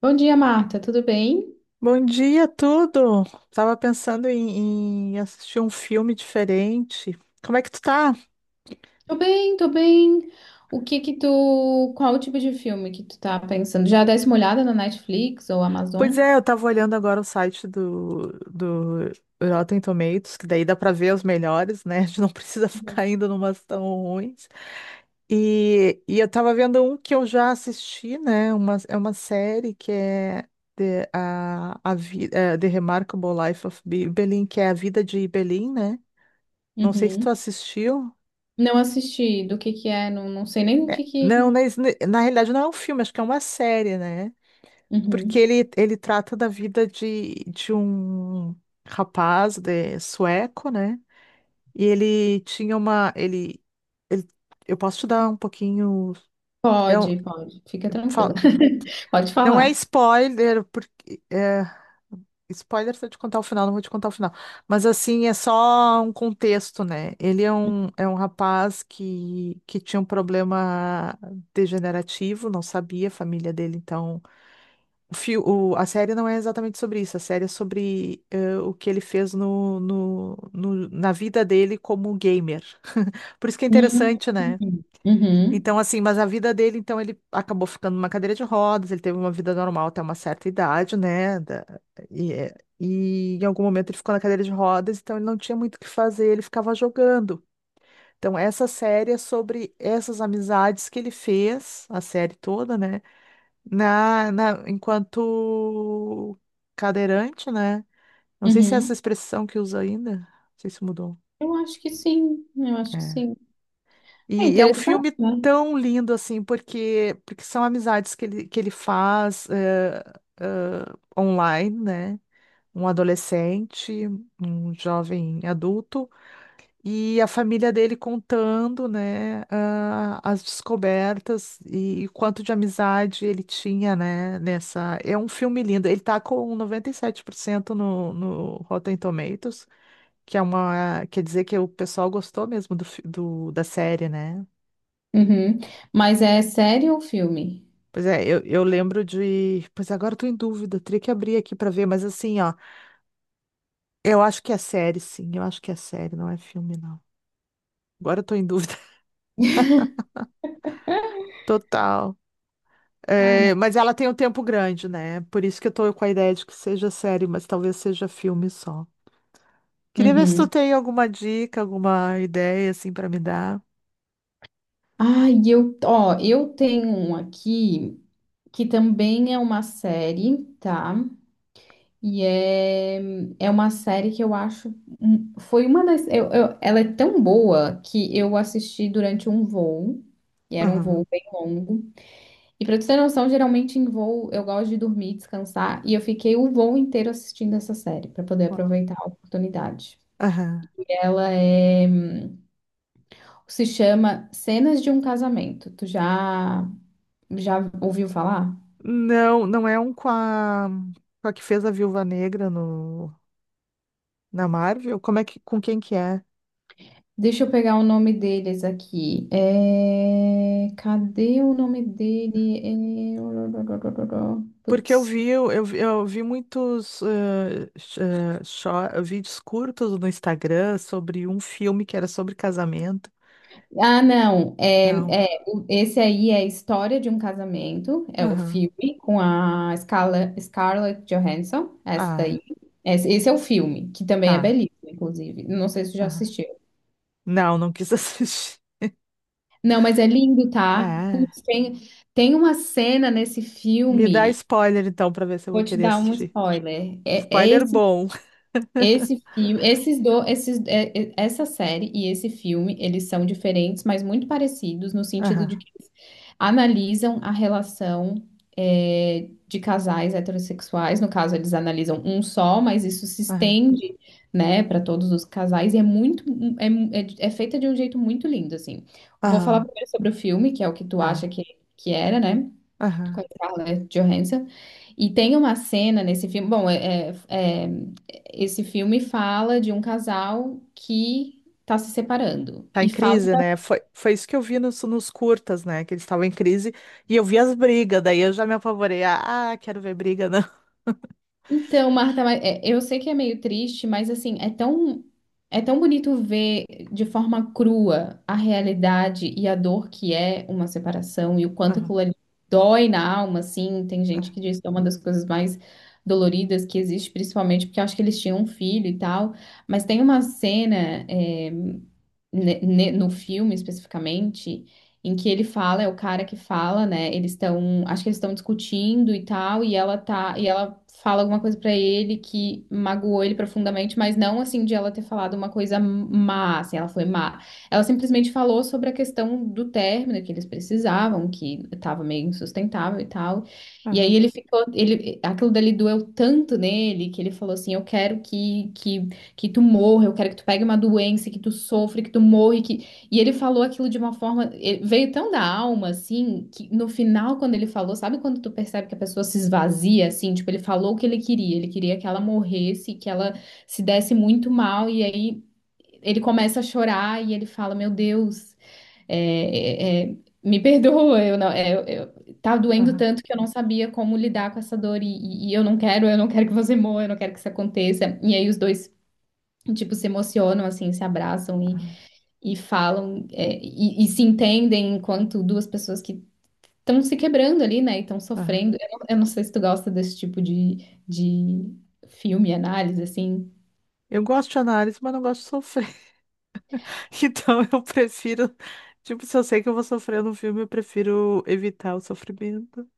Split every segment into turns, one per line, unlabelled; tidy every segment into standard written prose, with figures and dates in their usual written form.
Bom dia, Marta. Tudo bem?
Bom dia, tudo. Tava pensando em assistir um filme diferente. Como é que tu tá?
Tô bem, tô bem. O que que tu, Qual o tipo de filme que tu tá pensando? Já desse uma olhada na Netflix ou Amazon?
Pois é, eu tava olhando agora o site do Rotten Tomatoes, que daí dá pra ver os melhores, né? A gente não precisa
Uhum.
ficar indo numas tão ruins. E eu tava vendo um que eu já assisti, né? É uma série que é The, a, Vi- é, The Remarkable Life of Belin, que é a vida de Belin, né? Não sei se
Uhum.
tu assistiu.
Não assisti. Do que é? Não, não sei nem o
É,
que
não,
que.
na realidade não é um filme, acho que é uma série, né? Porque
Uhum.
ele trata da vida de um rapaz de sueco, né? E ele tinha uma. Ele- eu posso te dar um pouquinho. É um-
Pode, pode. Fica tranquila.
fa-
Pode
não é
falar.
spoiler, porque é spoiler se eu te contar o final, não vou te contar o final. Mas assim, é só um contexto, né? Ele é um rapaz que tinha um problema degenerativo, não sabia, a família dele, então. A série não é exatamente sobre isso, a série é sobre o que ele fez na vida dele como gamer. Por isso que é
Hum.
interessante, né?
Uhum.
Então, assim, mas a vida dele, então, ele acabou ficando numa cadeira de rodas, ele teve uma vida normal até uma certa idade, né? E, eh, e em algum momento ele ficou na cadeira de rodas, então ele não tinha muito o que fazer, ele ficava jogando. Então, essa série é sobre essas amizades que ele fez, a série toda, né? Na, enquanto cadeirante, né? Não sei se é
Uhum.
essa expressão que usa ainda. Não sei se mudou.
Eu acho que sim. Eu acho que
É.
sim. É
E é um
interessante,
filme
né?
tão lindo, assim, porque, porque são amizades que ele faz eh, online, né? Um adolescente, um jovem adulto. E a família dele contando, né, ah, as descobertas e, o quanto de amizade ele tinha, né, nessa. É um filme lindo. Ele tá com 97% no, no Rotten Tomatoes, que é uma. Quer dizer que o pessoal gostou mesmo do, fi- do- da série, né?
Uhum. Mas é série ou filme?
Pois é, eu lembro de. Pois agora eu tô em dúvida, teria que abrir aqui pra ver, mas assim, ó, eu acho que é série, sim, eu acho que é série, não é filme, não. Agora eu tô em dúvida total.
Ah,
É,
não.
mas ela tem um tempo grande, né? Por isso que eu tô com a ideia de que seja série, mas talvez seja filme só. Queria ver se tu
Uhum.
tem alguma dica, alguma ideia assim pra me dar.
Ah, e eu, ó, eu tenho um aqui que também é uma série, tá? E é uma série que eu acho, um- foi uma das, eu- ela é tão boa que eu assisti durante um voo, e era um
Aham.
voo bem longo. E pra tu ter noção, geralmente em voo eu gosto de dormir, descansar, e eu fiquei o voo inteiro assistindo essa série pra poder aproveitar a oportunidade.
Aham.
Ela é, Se chama Cenas de um Casamento. Tu já ouviu falar?
Não, não é um com a que fez a Viúva Negra no Na Marvel? Com quem que é?
Deixa eu pegar o nome deles aqui. É, cadê o nome dele? É.
Porque eu
Putz.
vi, eu, eu vi- eu vi muitos vídeos curtos no Instagram sobre um filme que era sobre casamento.
Ah, não.
Não.
É, esse aí é a história de um casamento. É o
Aham.
filme com a Scarlett Johansson. Essa
Ah,
daí. Esse é o filme, que também é
tá.
belíssimo, inclusive. Não sei se você já
Aham.
assistiu.
Não, não quis assistir.
Não, mas é lindo, tá?
É.
Putz, tem uma cena nesse
Me dá
filme.
spoiler então pra ver se eu vou
Vou te
querer
dar um
assistir.
spoiler.
Spoiler bom.
Esse filme, essa série e esse filme, eles são diferentes, mas muito parecidos no sentido
Aham,
de que eles analisam a relação de casais heterossexuais. No caso, eles analisam um só, mas isso se
aham,
estende, né, para todos os casais e é, é feita de um jeito muito lindo, assim. Vou falar
aham,
primeiro sobre o filme, que é o que tu acha
tá.
que era, né? Com a
Aham.
Scarlett Johansson. E tem uma cena nesse filme. Bom, esse filme fala de um casal que está se separando.
Tá
E
em
fala
crise, né? Foi isso que eu vi nos curtas, né? Que eles estavam em crise e eu vi as brigas, daí eu já me apavorei. Ah, quero ver briga, não.
Então, Marta, mas, eu sei que é meio triste, mas assim, é tão bonito ver de forma crua a realidade e a dor que é uma separação e o quanto
Aham,
aquilo ali dói na alma, assim. Tem gente que diz que é uma das coisas mais doloridas que existe, principalmente porque eu acho que eles tinham um filho e tal. Mas tem uma cena, no filme especificamente, em que ele fala, é o cara que fala, né? Eles estão, acho que eles estão discutindo e tal, e ela tá, e ela fala alguma coisa pra ele que magoou ele profundamente, mas não assim de ela ter falado uma coisa má, assim, ela foi má. Ela simplesmente falou sobre a questão do término que eles precisavam, que tava meio insustentável e tal. E aí
aham,
ele ficou, ele, aquilo dali doeu tanto nele que ele falou assim, eu quero que tu morra, eu quero que tu pegue uma doença, que tu sofra, que tu morra, e que. E ele falou aquilo de uma forma, ele veio tão da alma, assim, que no final, quando ele falou, sabe quando tu percebe que a pessoa se esvazia, assim, tipo, ele falou o que ele queria que ela morresse, que ela se desse muito mal, e aí ele começa a chorar e ele fala, meu Deus, é, é, é, me perdoa, eu não, é, eu- tá doendo
aham,
tanto que eu não sabia como lidar com essa dor e eu não quero que você morra, eu não quero que isso aconteça. E aí os dois Tipo, se emocionam, assim, se abraçam e falam, e se entendem enquanto duas pessoas que estão se quebrando ali, né, e estão
aham.
sofrendo. Eu não sei se tu gosta desse tipo de filme, análise, assim.
Eu gosto de análise, mas não gosto de sofrer. Então eu prefiro, tipo, se eu sei que eu vou sofrer no filme, eu prefiro evitar o sofrimento.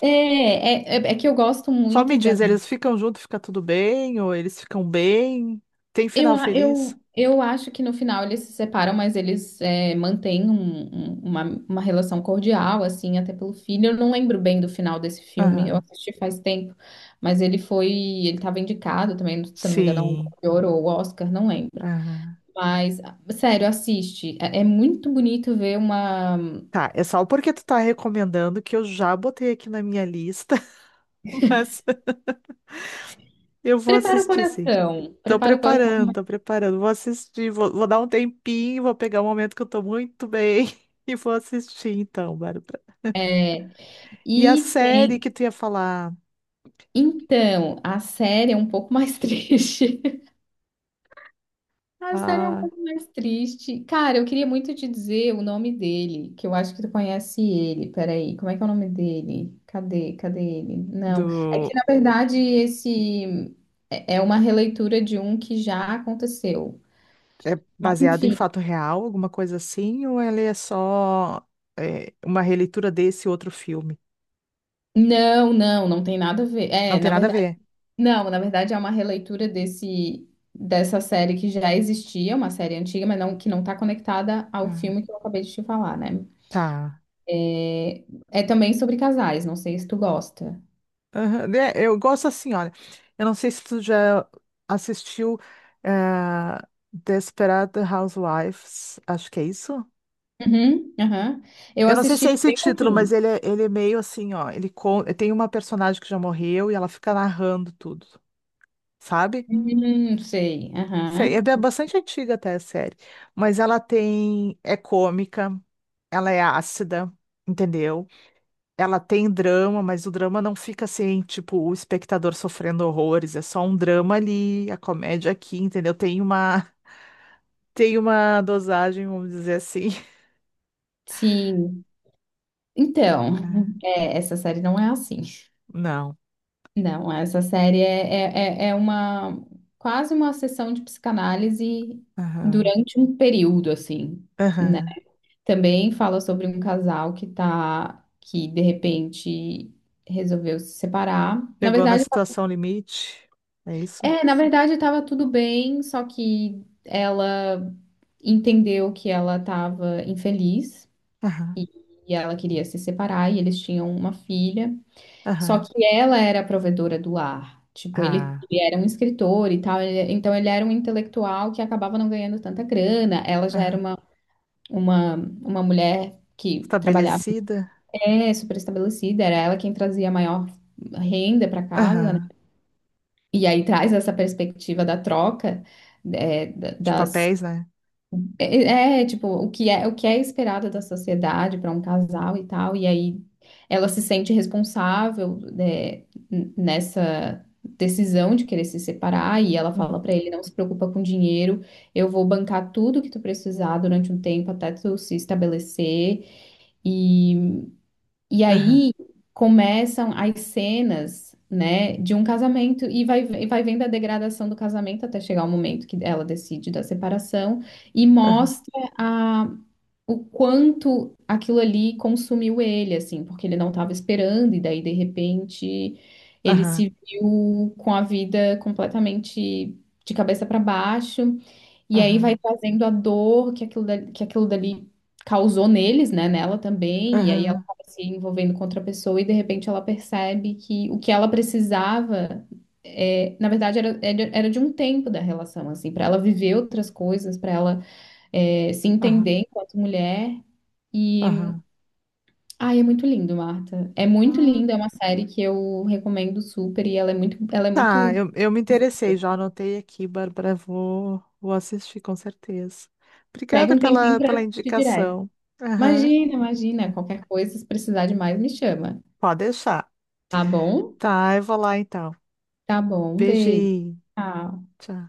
É que eu gosto
Só
muito
me
de.
diz, eles ficam juntos, fica tudo bem? Ou eles ficam bem? Tem
Eu,
final
a-
feliz?
eu, eu acho que no final eles se separam, mas eles mantêm uma relação cordial, assim, até pelo filho. Eu não lembro bem do final desse filme, eu
Aham,
assisti faz tempo, mas ele estava indicado também, se eu não me engano, a um
sim.
Globo de Ouro ou Oscar, não lembro.
Aham.
Mas, sério, assiste. É muito bonito ver uma.
Tá, é só porque tu tá recomendando que eu já botei aqui na minha lista. Mas eu vou
Prepara o
assistir, sim.
coração,
Tô
prepara o coração.
preparando, tô preparando. Vou assistir, vou dar um tempinho, vou pegar um momento que eu tô muito bem e vou assistir, então, Bárbara.
É,
E a
e
série
tem.
que tu ia falar,
Então, a série é um pouco mais triste. A série é um
ah,
pouco mais triste. Cara, eu queria muito te dizer o nome dele, que eu acho que tu conhece ele. Peraí, como é que é o nome dele? Cadê? Cadê ele? Não. É
do.
que, na verdade, esse é uma releitura de um que já aconteceu.
É
Mas,
baseada em
enfim.
fato real, alguma coisa assim, ou ela é só uma releitura desse outro filme?
Não, não, não tem nada a ver.
Não
É,
tem
na
nada a
verdade,
ver.
não, na verdade é uma releitura desse dessa série que já existia, uma série antiga, mas não que não tá conectada ao
Ah,
filme que eu acabei de te falar, né?
tá.
É, é também sobre casais, não sei se tu gosta.
Aham, né, eu gosto assim, olha. Eu não sei se tu já assistiu eh, Desperate Housewives, acho que é isso.
Uhum, aham. Eu
Eu não sei se é
assisti
esse
bem
título, mas
pouquinho.
ele é meio assim, ó. Ele tem uma personagem que já morreu e ela fica narrando tudo, sabe?
Sei,
Sei, é
aham.
bastante antiga até a série, mas ela tem é cômica, ela é ácida, entendeu? Ela tem drama, mas o drama não fica assim, tipo, o espectador sofrendo horrores, é só um drama ali, a comédia aqui, entendeu? Tem uma, tem uma dosagem, vamos dizer assim.
Sim. Então,
É.
essa série não é assim.
Não.
Não, essa série é, é, é é uma quase uma sessão de psicanálise
Aham.
durante um período, assim, né?
Aham.
Também fala sobre um casal que de repente resolveu se separar. Na
Chegou na
verdade,
situação limite, é isso?
É, na verdade estava tudo bem, só que ela entendeu que ela estava infeliz
Aham.
e ela queria se separar e eles tinham uma filha. Só
Aham.
que ela era a provedora do lar. Tipo, ele,
Ah.
ele era um escritor e tal, então ele era um intelectual que acabava não ganhando tanta grana. Ela já era
Aham.
uma, uma mulher que trabalhava,
Estabelecida?
super estabelecida, era ela quem trazia a maior renda para casa, né?
Aham.
E aí traz essa perspectiva da troca, é, da-
De
das,
papéis, né?
tipo, o que é esperado da sociedade para um casal e tal, e aí ela se sente responsável, né, nessa decisão de querer se separar, e ela fala
Aham.
para ele, não se preocupa com dinheiro, eu vou bancar tudo que tu precisar durante um tempo até tu se estabelecer, e
Aham.
aí começam as cenas, né, de um casamento e vai, vendo a degradação do casamento até chegar o momento que ela decide da separação e
Aham.
mostra a, o quanto aquilo ali consumiu ele, assim, porque ele não estava esperando e daí de repente ele
Aham.
se viu com a vida completamente de cabeça para baixo. E aí vai
Aham.
trazendo a dor que aquilo dali, causou neles, né? Nela também. E aí ela
Aham.
acaba se envolvendo com outra pessoa e de repente ela percebe que o que ela precisava, na verdade, era de um tempo da relação, assim, para ela viver outras coisas, para ela, se
Aham.
entender enquanto mulher. E, ai, é muito lindo, Marta. É muito
Aham.
lindo, é uma série que eu recomendo super e ela é muito, ela é
Tá,
muito.
eu me interessei, já anotei aqui, Bárbara, vou assistir com certeza.
Pega
Obrigada
um tempinho
pela,
pra
pela
assistir direto.
indicação. Aham,
Imagina, imagina. Qualquer coisa, se precisar de mais, me chama.
pode deixar.
Tá bom?
Tá, eu vou lá então.
Tá bom. Um beijo.
Beijinho.
Tchau.
Tchau.